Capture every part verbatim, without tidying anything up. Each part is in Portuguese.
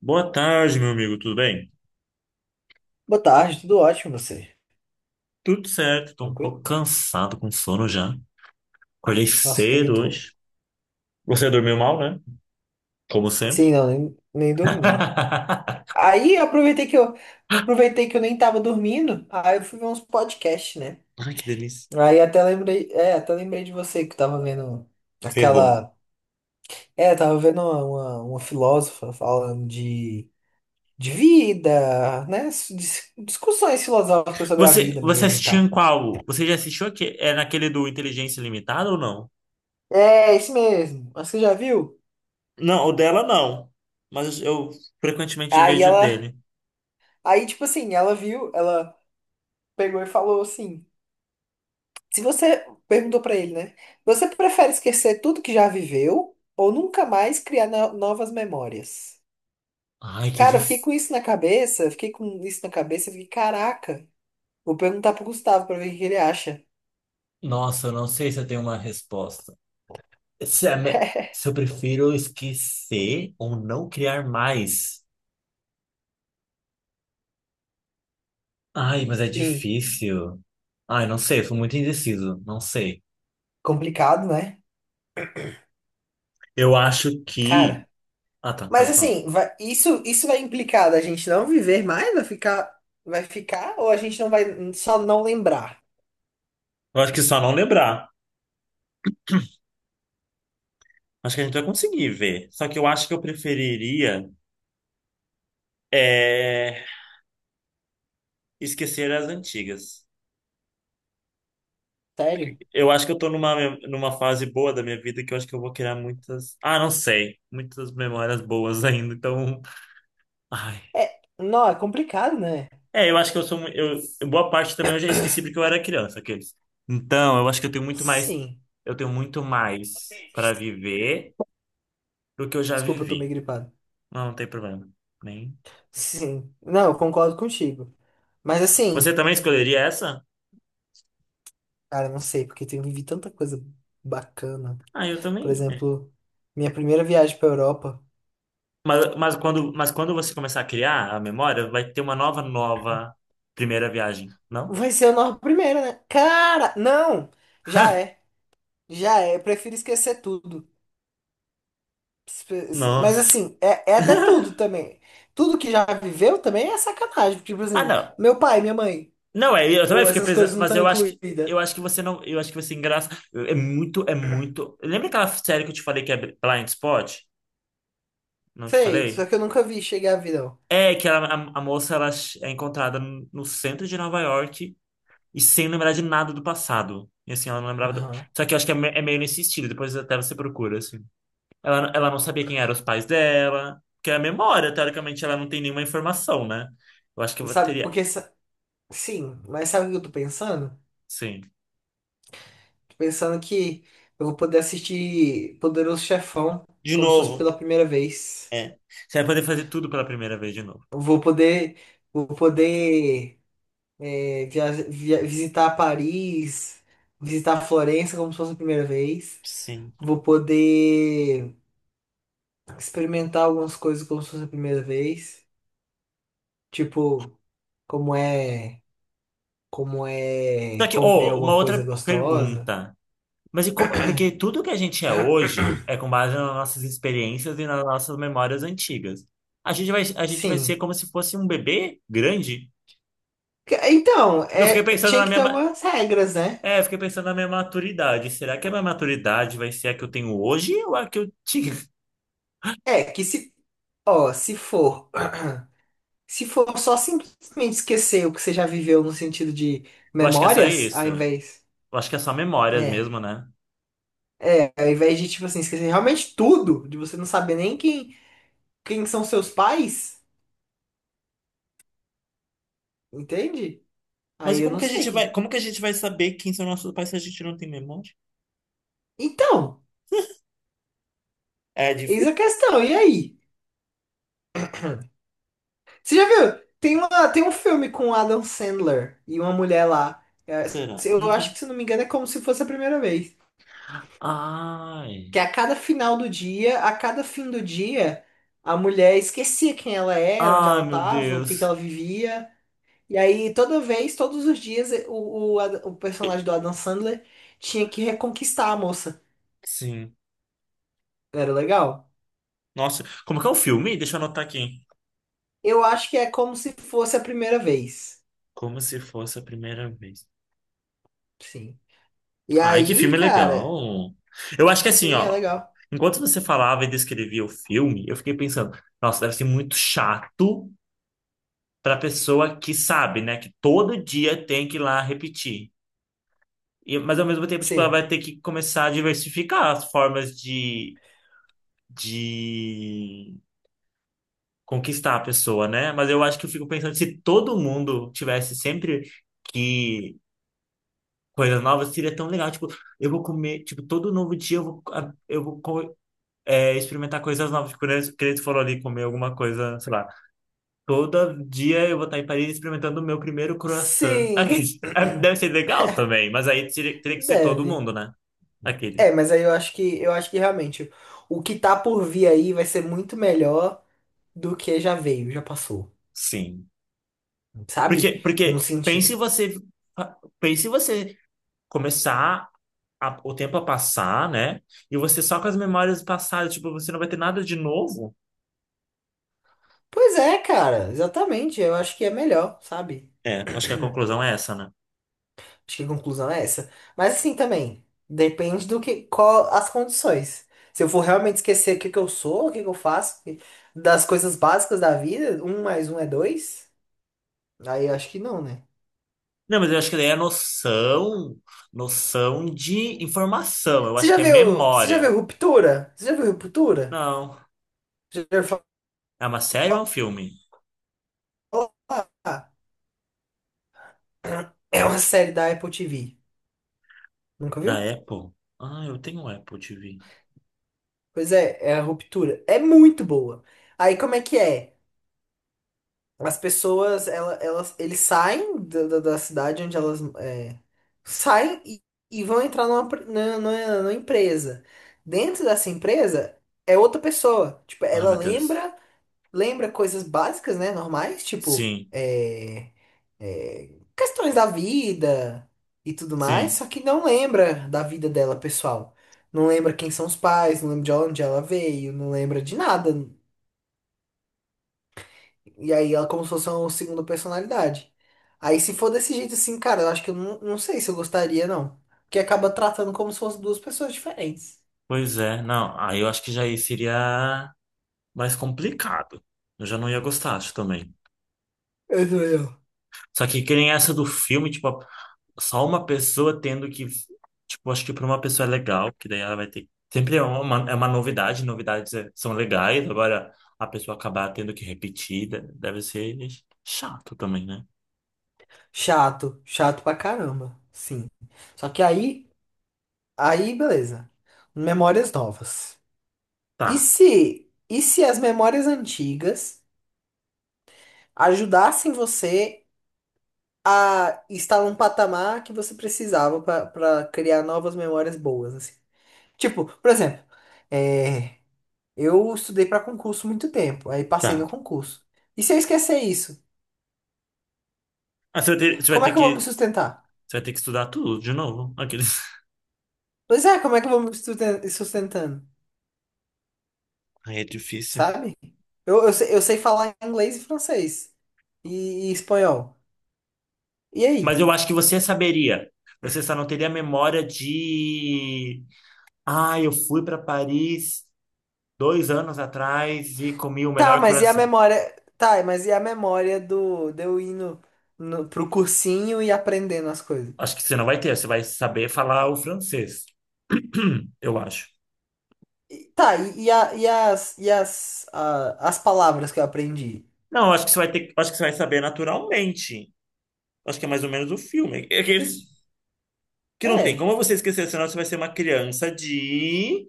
Boa tarde, meu amigo, tudo bem? Boa tarde, tudo ótimo você? Tudo certo, tô um pouco Tranquilo? cansado com sono já. Acordei Nossa, também cedo tô. hoje. Você dormiu mal, né? Como sempre. Sim, não, nem, nem dormi. Ai, Aí eu aproveitei que eu aproveitei que eu nem tava dormindo, aí eu fui ver uns podcasts, né? que delícia. Aí até lembrei, é, até lembrei de você que tava vendo Ferrou. aquela, é, tava vendo uma, uma, uma filósofa falando de, de vida, né? Dis- Discussões filosóficas sobre a Você, vida você mesmo e assistiu tal. em qual? Você já assistiu aqui? É naquele do Inteligência Limitada ou não? É, isso mesmo. Mas você já viu? Não, o dela não. Mas eu frequentemente Aí vejo o ela, dele. aí tipo assim, ela viu, ela pegou e falou assim. Se você perguntou pra ele, né? Você prefere esquecer tudo que já viveu ou nunca mais criar no- novas memórias? Ai, que Cara, eu fiquei difícil. com isso na cabeça, fiquei com isso na cabeça, fiquei, caraca. Vou perguntar pro Gustavo pra ver o que ele acha. Nossa, eu não sei se eu tenho uma resposta. Se, é me- Se eu prefiro esquecer ou não criar mais. Ai, mas é Sim, difícil. Ai, não sei, eu sou muito indeciso, não sei. complicado, né? Eu acho que. Cara, Ah, tá, mas pode falar. assim, vai- isso isso vai implicar da gente não viver mais, vai ficar vai ficar ou a gente não vai só não lembrar? Eu acho que só não lembrar. Acho que a gente vai conseguir ver. Só que eu acho que eu preferiria é, esquecer as antigas. Sério? Eu acho que eu tô numa, numa fase boa da minha vida que eu acho que eu vou criar muitas. Ah, não sei. Muitas memórias boas ainda, então. Ai. É, não, é complicado, né? É, eu acho que eu sou. Mu- Eu, boa parte também eu já esqueci porque eu era criança, aqueles. Então, eu acho que eu tenho muito mais. Sim. Eu tenho muito mais para viver do que eu já Desculpa, eu tô meio vivi. gripado. Não, não tem problema. Nem. Sim, não, eu concordo contigo. Mas Você assim, também escolheria essa? cara, não sei, porque eu vivi tanta coisa bacana. Ah, eu Por também. É. exemplo, minha primeira viagem pra Europa Mas, mas quando, mas quando você começar a criar a memória, vai ter uma nova, nova primeira viagem, não? vai ser a nossa primeira, né? Cara, não! Já é, já é. Eu prefiro esquecer tudo. Mas Nossa. assim, é, é até tudo também. Tudo que já viveu também é sacanagem. Tipo Ah, assim, não. meu pai, minha mãe, Não, é, eu também ou fiquei essas coisas pensando, não mas estão eu acho que incluídas. eu acho que você não, eu acho que você engraça. É muito, é muito. Lembra aquela série que eu te falei que é Blind Spot? Não te Sei, só falei? que eu nunca vi chegar a vida, ó. É que ela- a, a moça ela é encontrada no centro de Nova York e sem lembrar de nada do passado. E assim, ela não lembrava. do- Aham. Só que eu acho que é, me- é meio nesse estilo, depois até você procura, assim. Ela, ela não sabia quem eram os pais dela, porque é a memória, teoricamente, ela não tem nenhuma informação, né? Eu acho que eu Sabe, teria. porque, sa- sim, mas sabe o que eu tô pensando? Sim. Pensando que eu vou poder assistir Poderoso Chefão De como se fosse novo, pela primeira vez. é. Você vai poder fazer tudo pela primeira vez de novo. Eu vou poder, vou poder é, via- via- visitar Paris, visitar Florença como se fosse a primeira vez. Sim. Vou poder experimentar algumas coisas como se fosse a primeira vez. Tipo, como é, como é Só que, comer oh, uma alguma coisa outra gostosa. pergunta. Mas e como, porque tudo que a gente é hoje é com base nas nossas experiências e nas nossas memórias antigas. A gente vai, a gente vai ser Sim. como se fosse um bebê grande. Que- Então, Porque eu fiquei é, pensando tinha na que minha, ter ma- algumas regras, né? é, eu fiquei pensando na minha maturidade. Será que a minha maturidade vai ser a que eu tenho hoje ou a que eu tinha? É, que se ó, se for, se for só simplesmente esquecer o que você já viveu no sentido de Eu acho que é só memórias, ao isso. Eu invés, acho que é só memórias é, mesmo, né? é, ao invés de tipo assim esquecer realmente tudo, de você não saber nem quem, quem são seus pais, entende? Mas Aí e eu como não que a sei gente vai, que. como que a gente vai saber quem são nossos pais se a gente não tem memória? Então, É difícil? eis a questão. E aí? Você já viu? Tem uma, tem um filme com o Adam Sandler e uma mulher lá. Será? Eu Nunca. acho que se não me engano é como se fosse a primeira vez. Que Ai. a cada final do dia, a cada fim do dia, a mulher esquecia quem ela era, onde Ai, ela meu estava, o que que ela Deus. vivia. E aí, toda vez, todos os dias, eh, o, o, Ad- o personagem do Adam Sandler tinha que reconquistar a moça. Sim. Era legal? Nossa, como que é o filme? Deixa eu anotar aqui. Eu acho que é como se fosse a primeira vez. Como se fosse a primeira vez. Sim. E Ai, que aí, filme cara, legal. Eu acho que assim, sim, é ó. legal. Enquanto você falava e descrevia o filme, eu fiquei pensando, nossa, deve ser muito chato pra pessoa que sabe, né? Que todo dia tem que ir lá repetir. E, mas ao mesmo tempo, tipo, ela Sim. vai ter que começar a diversificar as formas de, de conquistar a pessoa, né? Mas eu acho que eu fico pensando, se todo mundo tivesse sempre que coisas novas seria tão legal. Tipo, eu vou comer, tipo, todo novo dia eu vou, a- eu vou co- é, experimentar coisas novas. Tipo, né, que eles foram ali comer alguma coisa, sei lá. Todo dia eu vou estar em Paris experimentando o meu primeiro croissant. Aquele- Sim, é, Deve ser legal também, mas aí teria, teria que ser todo deve. mundo, né? Aquele. É, mas aí eu acho que eu acho que realmente o que tá por vir aí vai ser muito melhor do que já veio, já passou, Sim. sabe? Porque, porque No sentido. pense você, pense você começar a- o tempo a passar, né? E você só com as memórias passadas, tipo, você não vai ter nada de novo. Pois é, cara, exatamente. Eu acho que é melhor, sabe? É, acho que a conclusão é essa, né? Acho que a conclusão é essa. Mas assim também, depende do que, qual as condições. Se eu for realmente esquecer o que que eu sou, o que que eu faço, que- das coisas básicas da vida, um mais um é dois, aí eu acho que não, né? Não, mas eu acho que daí é noção, noção de informação. Eu Você acho já que é viu, você já memória. viu Ruptura? Você já viu Ruptura? Não. Já viu falar? É uma série ou é um filme? É uma série da Apple T V. Nunca Da viu? Apple? Ah, eu tenho um Apple T V. Pois é, é a ruptura. É muito boa. Aí como é que é? As pessoas, ela, elas, eles saem da, da, da cidade onde elas é, saem e, e vão entrar numa, pre- na- na- numa empresa. Dentro dessa empresa é outra pessoa. Tipo, Ai, ela meu Deus. lembra lembra coisas básicas, né? Normais, tipo, Sim, é, é, questões da vida e tudo mais, sim. só que não lembra da vida dela, pessoal. Não lembra quem são os pais, não lembra de onde ela veio, não lembra de nada. E aí ela como se fosse uma segunda personalidade. Aí se for desse jeito assim, cara, eu acho que eu não, não sei se eu gostaria, não. Porque acaba tratando como se fossem duas pessoas diferentes. Pois é. Não, aí eu acho que já aí seria mais complicado. Eu já não ia gostar, acho também. Eu sou eu. Só que que nem essa do filme, tipo, só uma pessoa tendo que, tipo, acho que para uma pessoa é legal, que daí ela vai ter. Sempre é uma, é uma novidade, novidades é- são legais, agora a pessoa acabar tendo que repetir, de- deve ser chato também, né? Chato, chato pra caramba. Sim. Só que aí. Aí, beleza. Memórias novas. E Tá, se, e se as memórias antigas ajudassem você a estar num patamar que você precisava para criar novas memórias boas, assim? Tipo, por exemplo, é, eu estudei para concurso muito tempo, aí passei tá. no concurso. E se eu esquecer isso, Ah, você vai ter, você vai como é ter que eu vou me que, sustentar? você vai ter que estudar tudo de novo. Aqueles... Pois é, como é que eu vou me susten- sustentando, Aí é difícil. sabe? Eu, eu, sei, eu sei falar inglês e francês e e espanhol. E Mas aí? eu acho que você saberia. Você só não teria memória de. Ah, eu fui para Paris dois anos atrás e comi o Tá, melhor mas e a coração. memória? Tá, mas e a memória do de eu ir no, no- pro cursinho e aprendendo as coisas? Acho que você não vai ter, você vai saber falar o francês, eu acho. E- tá, e, e a- e as, e as, a- as palavras que eu aprendi? Não, acho que você vai ter, acho que você vai saber naturalmente. Acho que é mais ou menos o filme. É aqueles que não tem É, como você esquecer, senão você vai ser uma criança de.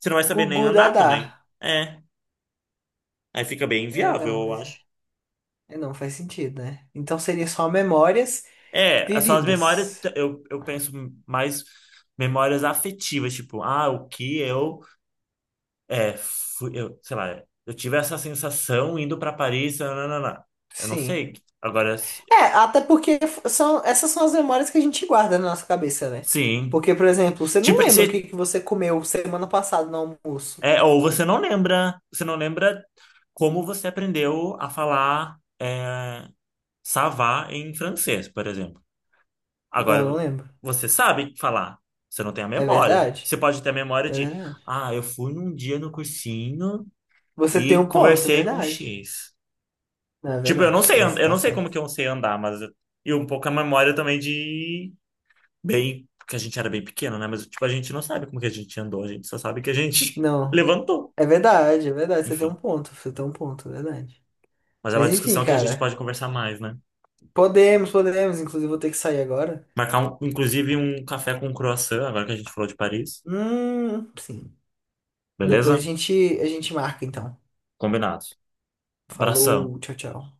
Você não vai saber nem Gugu andar Dadá. também. É, aí fica bem É, inviável, não, eu faz, acho. é, não faz sentido, né? Então seria só memórias É, são as memórias, vividas. eu, eu penso mais memórias afetivas, tipo, ah, o que eu, é, fui, eu, sei lá, eu tive essa sensação indo para Paris, nananana. Eu não Sim. sei. Agora, É, até porque f- são, essas são as memórias que a gente guarda na nossa cabeça, né? Sim. Porque, por exemplo, você não Tipo, lembra o que você, que você comeu semana passada no almoço. é, ou você não lembra, você não lembra como você aprendeu a falar é, ça em francês, por exemplo. Não, não Agora, lembro. você sabe falar, você não tem a É memória. Você verdade? pode ter a memória É de, verdade. ah, eu fui num dia no cursinho Você tem e um ponto, é conversei com verdade. X. Não, é Tipo, eu não verdade. sei, an- Você eu tá não sei como certo. que eu sei andar, mas eu- e um pouco a memória também de bem, porque a gente era bem pequeno, né? Mas tipo, a gente não sabe como que a gente andou, a gente só sabe que a gente Não. levantou. É verdade, é verdade. Você tem um Enfim. ponto. Você tem um ponto, é verdade. Mas é uma Mas enfim, discussão que a gente cara. pode conversar mais, né? Podemos, podemos. Inclusive, vou ter que sair agora. Marcar, um, inclusive, um café com croissant, agora que a gente falou de Paris. Hum, sim. Depois a Beleza? gente, a gente marca, então. Combinado. Abração. Falou, tchau, tchau.